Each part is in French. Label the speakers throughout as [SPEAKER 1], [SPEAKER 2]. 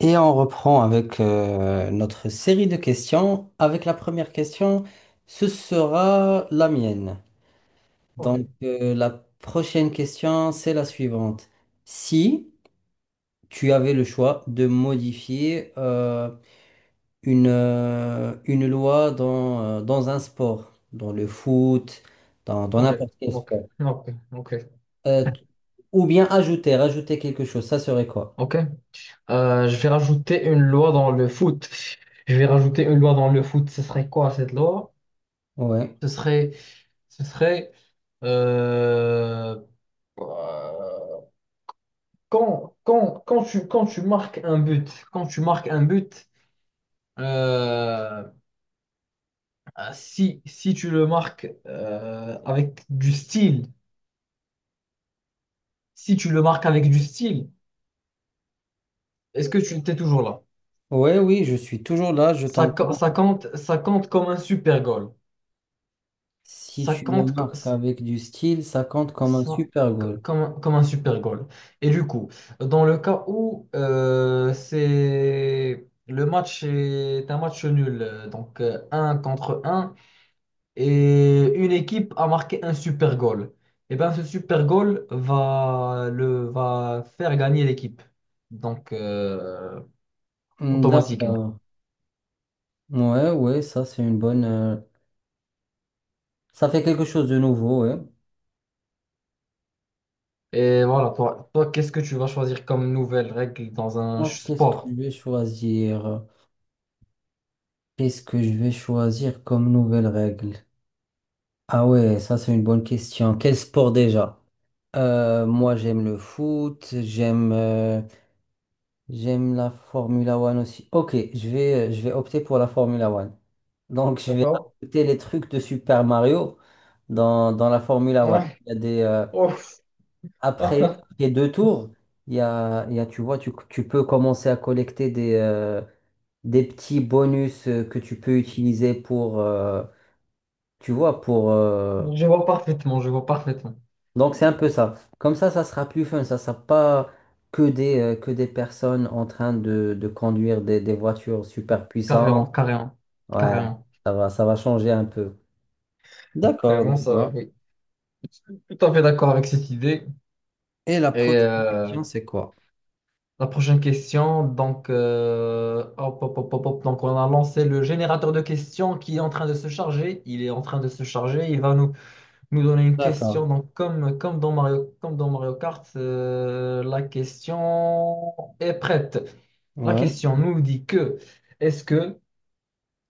[SPEAKER 1] Et on reprend avec notre série de questions, avec la première question. Ce sera la mienne.
[SPEAKER 2] Ok,
[SPEAKER 1] La prochaine question, c'est la suivante. Si tu avais le choix de modifier une loi dans un sport, dans le foot, dans
[SPEAKER 2] ok,
[SPEAKER 1] n'importe quel
[SPEAKER 2] ok,
[SPEAKER 1] sport,
[SPEAKER 2] ok, ok,
[SPEAKER 1] euh, t- ou bien ajouter, rajouter quelque chose, ça serait quoi?
[SPEAKER 2] ok. Je vais rajouter une loi dans le foot. Je vais rajouter une loi dans le foot. Ce serait quoi cette loi?
[SPEAKER 1] Ouais.
[SPEAKER 2] Ce serait, ce serait euh, euh, quand tu marques un but, quand tu marques un but, euh, si tu le marques avec du style, si tu le marques avec du style, est-ce que tu t'es toujours là?
[SPEAKER 1] Ouais, oui, je suis toujours là, je
[SPEAKER 2] Ça, co-
[SPEAKER 1] t'entends.
[SPEAKER 2] ça compte, ça compte comme un super goal.
[SPEAKER 1] Si
[SPEAKER 2] Ça
[SPEAKER 1] tu le
[SPEAKER 2] compte co-
[SPEAKER 1] marques avec du style, ça compte comme un
[SPEAKER 2] ça-
[SPEAKER 1] super
[SPEAKER 2] co-
[SPEAKER 1] goal.
[SPEAKER 2] comme un super goal. Et du coup, dans le cas où c'est le match est un match nul, donc 1-1 et une équipe a marqué un super goal, et bien ce super goal va faire gagner l'équipe, donc
[SPEAKER 1] Hmm,
[SPEAKER 2] automatiquement.
[SPEAKER 1] d'accord. Ouais, ouais, ça c'est une bonne, ça fait quelque chose de nouveau, ouais.
[SPEAKER 2] Et voilà, toi qu'est-ce que tu vas choisir comme nouvelle règle dans un
[SPEAKER 1] Alors, qu'est-ce que je
[SPEAKER 2] sport?
[SPEAKER 1] vais choisir? Qu'est-ce que je vais choisir comme nouvelle règle? Ah ouais, ça c'est une bonne question. Quel sport déjà? Moi j'aime le foot, j'aime la Formula One aussi. Ok, je vais opter pour la Formula One. Donc, je vais
[SPEAKER 2] D'accord?
[SPEAKER 1] rajouter les trucs de Super Mario dans la Formula One.
[SPEAKER 2] Ouais.
[SPEAKER 1] Il y a
[SPEAKER 2] Ouf.
[SPEAKER 1] après, les deux tours, tu vois, tu peux commencer à collecter des petits bonus que tu peux utiliser pour, tu vois,
[SPEAKER 2] Je vois parfaitement, je vois parfaitement.
[SPEAKER 1] donc c'est un peu ça. Comme ça sera plus fun. Ça sera pas que des personnes en train de conduire des voitures super puissantes.
[SPEAKER 2] Carrément, carrément,
[SPEAKER 1] Ouais,
[SPEAKER 2] carrément.
[SPEAKER 1] ça va changer un peu. D'accord,
[SPEAKER 2] Carrément,
[SPEAKER 1] d'accord.
[SPEAKER 2] ça, oui. Tout à fait d'accord avec cette idée.
[SPEAKER 1] Et la
[SPEAKER 2] Et
[SPEAKER 1] prochaine
[SPEAKER 2] euh,
[SPEAKER 1] question, c'est quoi?
[SPEAKER 2] la prochaine question, donc, hop, hop, hop, hop, hop. Donc on a lancé le générateur de questions qui est en train de se charger. Il est en train de se charger. Il va nous donner une question.
[SPEAKER 1] D'accord.
[SPEAKER 2] Donc, comme dans Mario Kart, la question est prête. La
[SPEAKER 1] Ouais,
[SPEAKER 2] question nous dit que est-ce que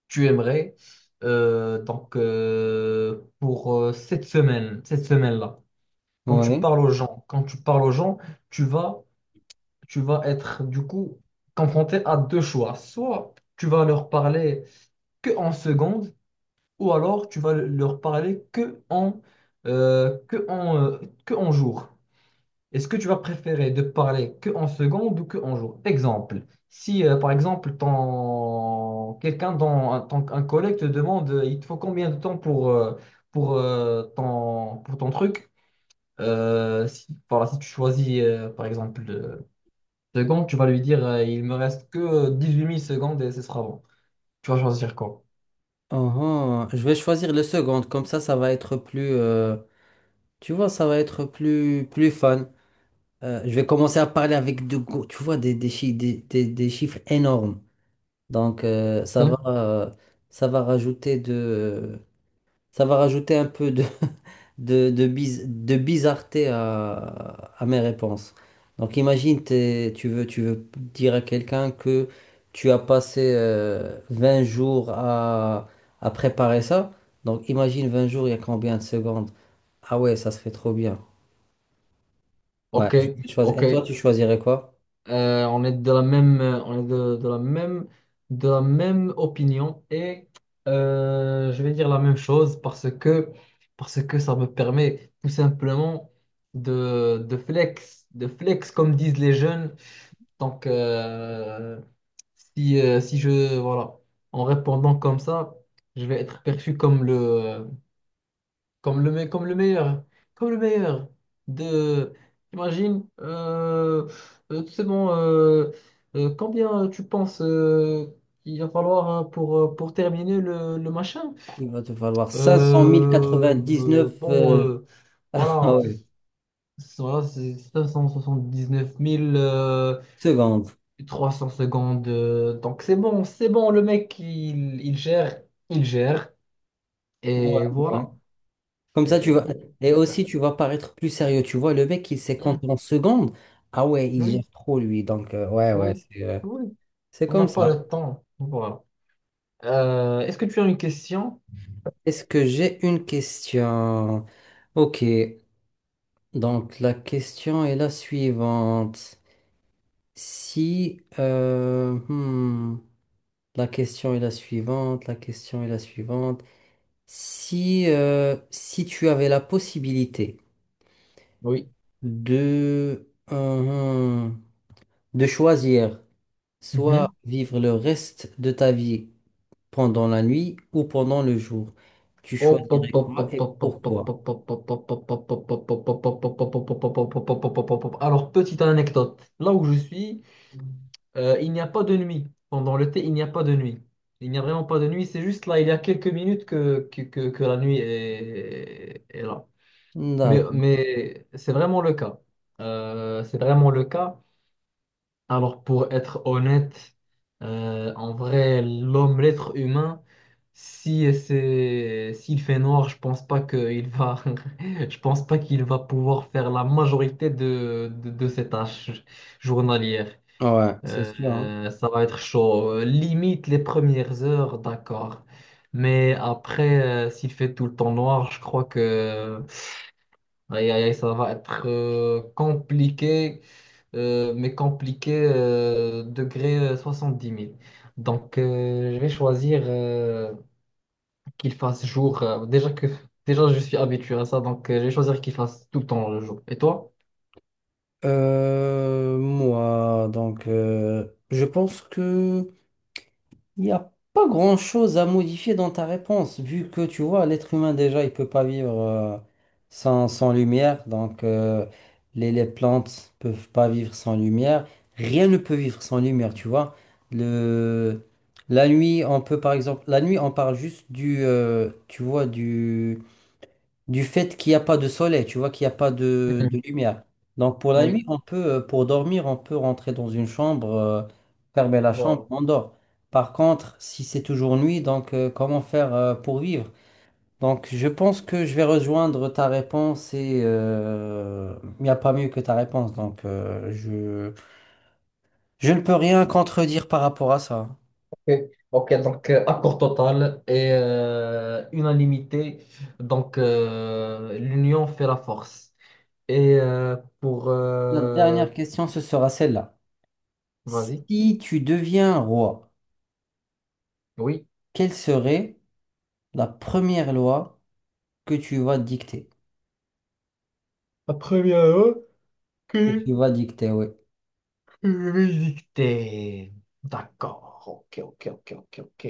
[SPEAKER 2] tu aimerais. Donc, pour cette semaine, cette semaine-là, quand tu
[SPEAKER 1] ouais.
[SPEAKER 2] parles aux gens, quand tu parles aux gens, tu vas, tu vas être du coup confronté à deux choix. Soit tu vas leur parler que en seconde, ou alors tu vas leur parler euh, que en, euh, que en jour. Est-ce que tu vas préférer de parler que en secondes ou que en jours? Exemple, si par exemple ton quelqu'un dans un, un collègue te demande il te faut combien de temps pour ton pour ton truc, si, voilà, si tu choisis par exemple secondes, tu vas lui dire il me reste que 18 000 secondes et ce sera bon. Tu vas choisir quoi?
[SPEAKER 1] Uhum. Je vais choisir le second, comme ça va être plus, tu vois, ça va être plus, plus fun. Je vais commencer à parler avec tu vois, des chiffres énormes. Donc, euh, ça
[SPEAKER 2] Ok,
[SPEAKER 1] va, euh, Ça va rajouter ça va rajouter un peu de, de bizarreté à mes réponses. Donc imagine, tu veux dire à quelqu'un que tu as passé 20 jours à préparer ça. Donc imagine 20 jours, il y a combien de secondes? Ah ouais, ça serait trop bien. Ouais,
[SPEAKER 2] ok,
[SPEAKER 1] je vais choisir.
[SPEAKER 2] ok.
[SPEAKER 1] Et toi, tu choisirais quoi?
[SPEAKER 2] On est de la même, de la même, de la même opinion et je vais dire la même chose parce que ça me permet tout simplement de flex comme disent les jeunes. Donc, si, si je, voilà, en répondant comme ça, je vais être perçu comme le meilleur. Comme le meilleur. De... Imagine, c'est bon, combien tu penses il va falloir hein, pour terminer le machin?
[SPEAKER 1] Il va te falloir 500 099
[SPEAKER 2] Bon, voilà,
[SPEAKER 1] ah ouais,
[SPEAKER 2] c'est 579 000
[SPEAKER 1] secondes.
[SPEAKER 2] 300 secondes. Donc c'est bon, le mec, il gère, il gère.
[SPEAKER 1] Ouais,
[SPEAKER 2] Et
[SPEAKER 1] ouais.
[SPEAKER 2] voilà,
[SPEAKER 1] Comme ça, tu vas.
[SPEAKER 2] c'est
[SPEAKER 1] Et
[SPEAKER 2] super.
[SPEAKER 1] aussi, tu vas paraître plus sérieux. Tu vois, le mec, il sait
[SPEAKER 2] Hein,
[SPEAKER 1] compter en secondes. Ah ouais, il
[SPEAKER 2] oui.
[SPEAKER 1] gère trop, lui.
[SPEAKER 2] Oui, oui.
[SPEAKER 1] C'est
[SPEAKER 2] On n'a
[SPEAKER 1] comme
[SPEAKER 2] pas
[SPEAKER 1] ça.
[SPEAKER 2] le temps. Voilà. Est-ce que tu as une question?
[SPEAKER 1] Est-ce que j'ai une question? Ok. Donc, la question est la suivante. Si. Hmm, La question est la suivante. La question est la suivante. Si, si tu avais la possibilité
[SPEAKER 2] Oui.
[SPEAKER 1] de. euh, hmm, de choisir, soit
[SPEAKER 2] Mhm.
[SPEAKER 1] vivre le reste de ta vie pendant la nuit ou pendant le jour. Tu
[SPEAKER 2] Hop, hop,
[SPEAKER 1] choisirais
[SPEAKER 2] hop,
[SPEAKER 1] quoi
[SPEAKER 2] hop,
[SPEAKER 1] et
[SPEAKER 2] hop, hop, hop,
[SPEAKER 1] pourquoi?
[SPEAKER 2] hop, hop, hop, hop, hop, hop, hop, hop, hop, hop, hop, hop, hop, hop, hop, hop, hop, hop, hop, hop. Alors, petite anecdote. Là où je suis, il n'y a pas de nuit. Pendant l'été, il n'y a pas de nuit. Il n'y a vraiment pas de nuit. C'est juste là, il y a quelques minutes que la nuit est là. Mais,
[SPEAKER 1] D'accord.
[SPEAKER 2] mais c'est vraiment le cas. C'est vraiment le cas. Alors, pour être honnête, en vrai, l'homme, l'être humain, si c'est, s'il fait noir, je pense pas qu'il va, je pense pas qu'il va pouvoir faire la majorité de ses tâches journalières.
[SPEAKER 1] Ouais, c'est sûr, hein.
[SPEAKER 2] Ça va être chaud. Limite les premières heures, d'accord. Mais après, s'il fait tout le temps noir, je crois que aïe, aïe, aïe, ça va être compliqué, mais compliqué, degré 10 000. Donc, je vais choisir qu'il fasse jour. Déjà, je suis habitué à ça, donc je vais choisir qu'il fasse tout le temps le jour. Et toi?
[SPEAKER 1] Je pense que Il n'y a pas grand-chose à modifier dans ta réponse, vu que tu vois, l'être humain déjà, il peut pas vivre sans, sans lumière, donc les plantes peuvent pas vivre sans lumière, rien ne peut vivre sans lumière, tu vois. Le, la nuit, on peut par exemple, la nuit, on parle juste tu vois, du fait qu'il n'y a pas de soleil, tu vois, qu'il n'y a pas
[SPEAKER 2] Mhm.
[SPEAKER 1] de lumière. Donc pour la
[SPEAKER 2] Oui,
[SPEAKER 1] nuit, on peut, pour dormir, on peut rentrer dans une chambre, fermer la chambre,
[SPEAKER 2] voilà.
[SPEAKER 1] on dort. Par contre, si c'est toujours nuit, donc comment faire pour vivre? Donc je pense que je vais rejoindre ta réponse et il n'y a pas mieux que ta réponse. Je ne peux rien contredire par rapport à ça.
[SPEAKER 2] Ok, ok, donc accord total et unanimité. Donc, l'union fait la force. Et pour...
[SPEAKER 1] Notre dernière question, ce sera celle-là.
[SPEAKER 2] vas-y,
[SPEAKER 1] Si tu deviens roi,
[SPEAKER 2] oui.
[SPEAKER 1] quelle serait la première loi que tu vas dicter?
[SPEAKER 2] La première,
[SPEAKER 1] Que tu
[SPEAKER 2] ok.
[SPEAKER 1] vas dicter, oui.
[SPEAKER 2] Musique thé. D'accord. Ok, ok, ok, ok, ok.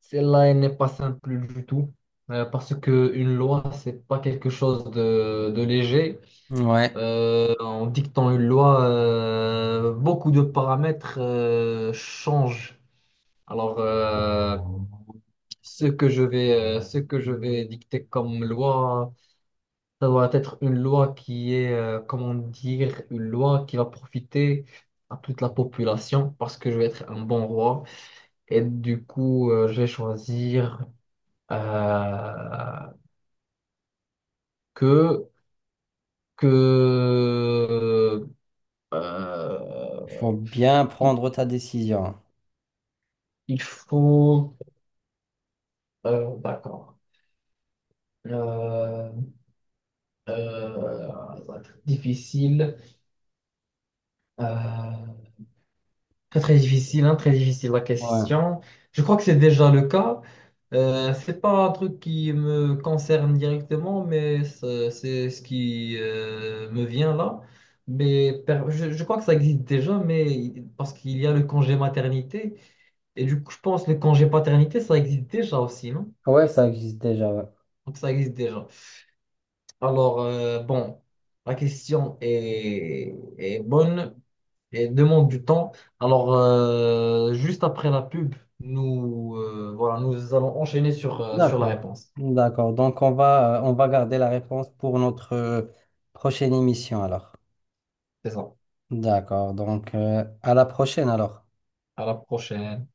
[SPEAKER 2] Celle-là, elle n'est pas simple du tout. Parce que une loi, c'est pas quelque chose de léger.
[SPEAKER 1] Ouais.
[SPEAKER 2] En dictant une loi, beaucoup de paramètres changent. Alors, ce que je vais dicter comme loi. Ça doit être une loi qui est, comment dire, une loi qui va profiter à toute la population parce que je vais être un bon roi. Et du coup, je vais choisir euh, que, que
[SPEAKER 1] Il
[SPEAKER 2] euh,
[SPEAKER 1] faut bien
[SPEAKER 2] il
[SPEAKER 1] prendre ta décision.
[SPEAKER 2] il faut... d'accord. Euh, euh, Ça va être difficile. Euh, Très, très difficile, hein, très difficile la
[SPEAKER 1] Ouais.
[SPEAKER 2] question. Je crois que c'est déjà le cas. C'est pas un truc qui me concerne directement, mais c'est ce qui me vient là. Mais je crois que ça existe déjà, mais parce qu'il y a le congé maternité. Et du coup, je pense que le congé paternité, ça existe déjà aussi, non?
[SPEAKER 1] Ouais, ça existe déjà, ouais.
[SPEAKER 2] Donc ça existe déjà. Alors, bon, la question est bonne. Et demande du temps. Alors, juste après la pub, nous, nous allons enchaîner sur la
[SPEAKER 1] D'accord.
[SPEAKER 2] réponse.
[SPEAKER 1] D'accord. Donc, on va garder la réponse pour notre prochaine émission, alors.
[SPEAKER 2] C'est ça.
[SPEAKER 1] D'accord. Donc, à la prochaine, alors.
[SPEAKER 2] À la prochaine.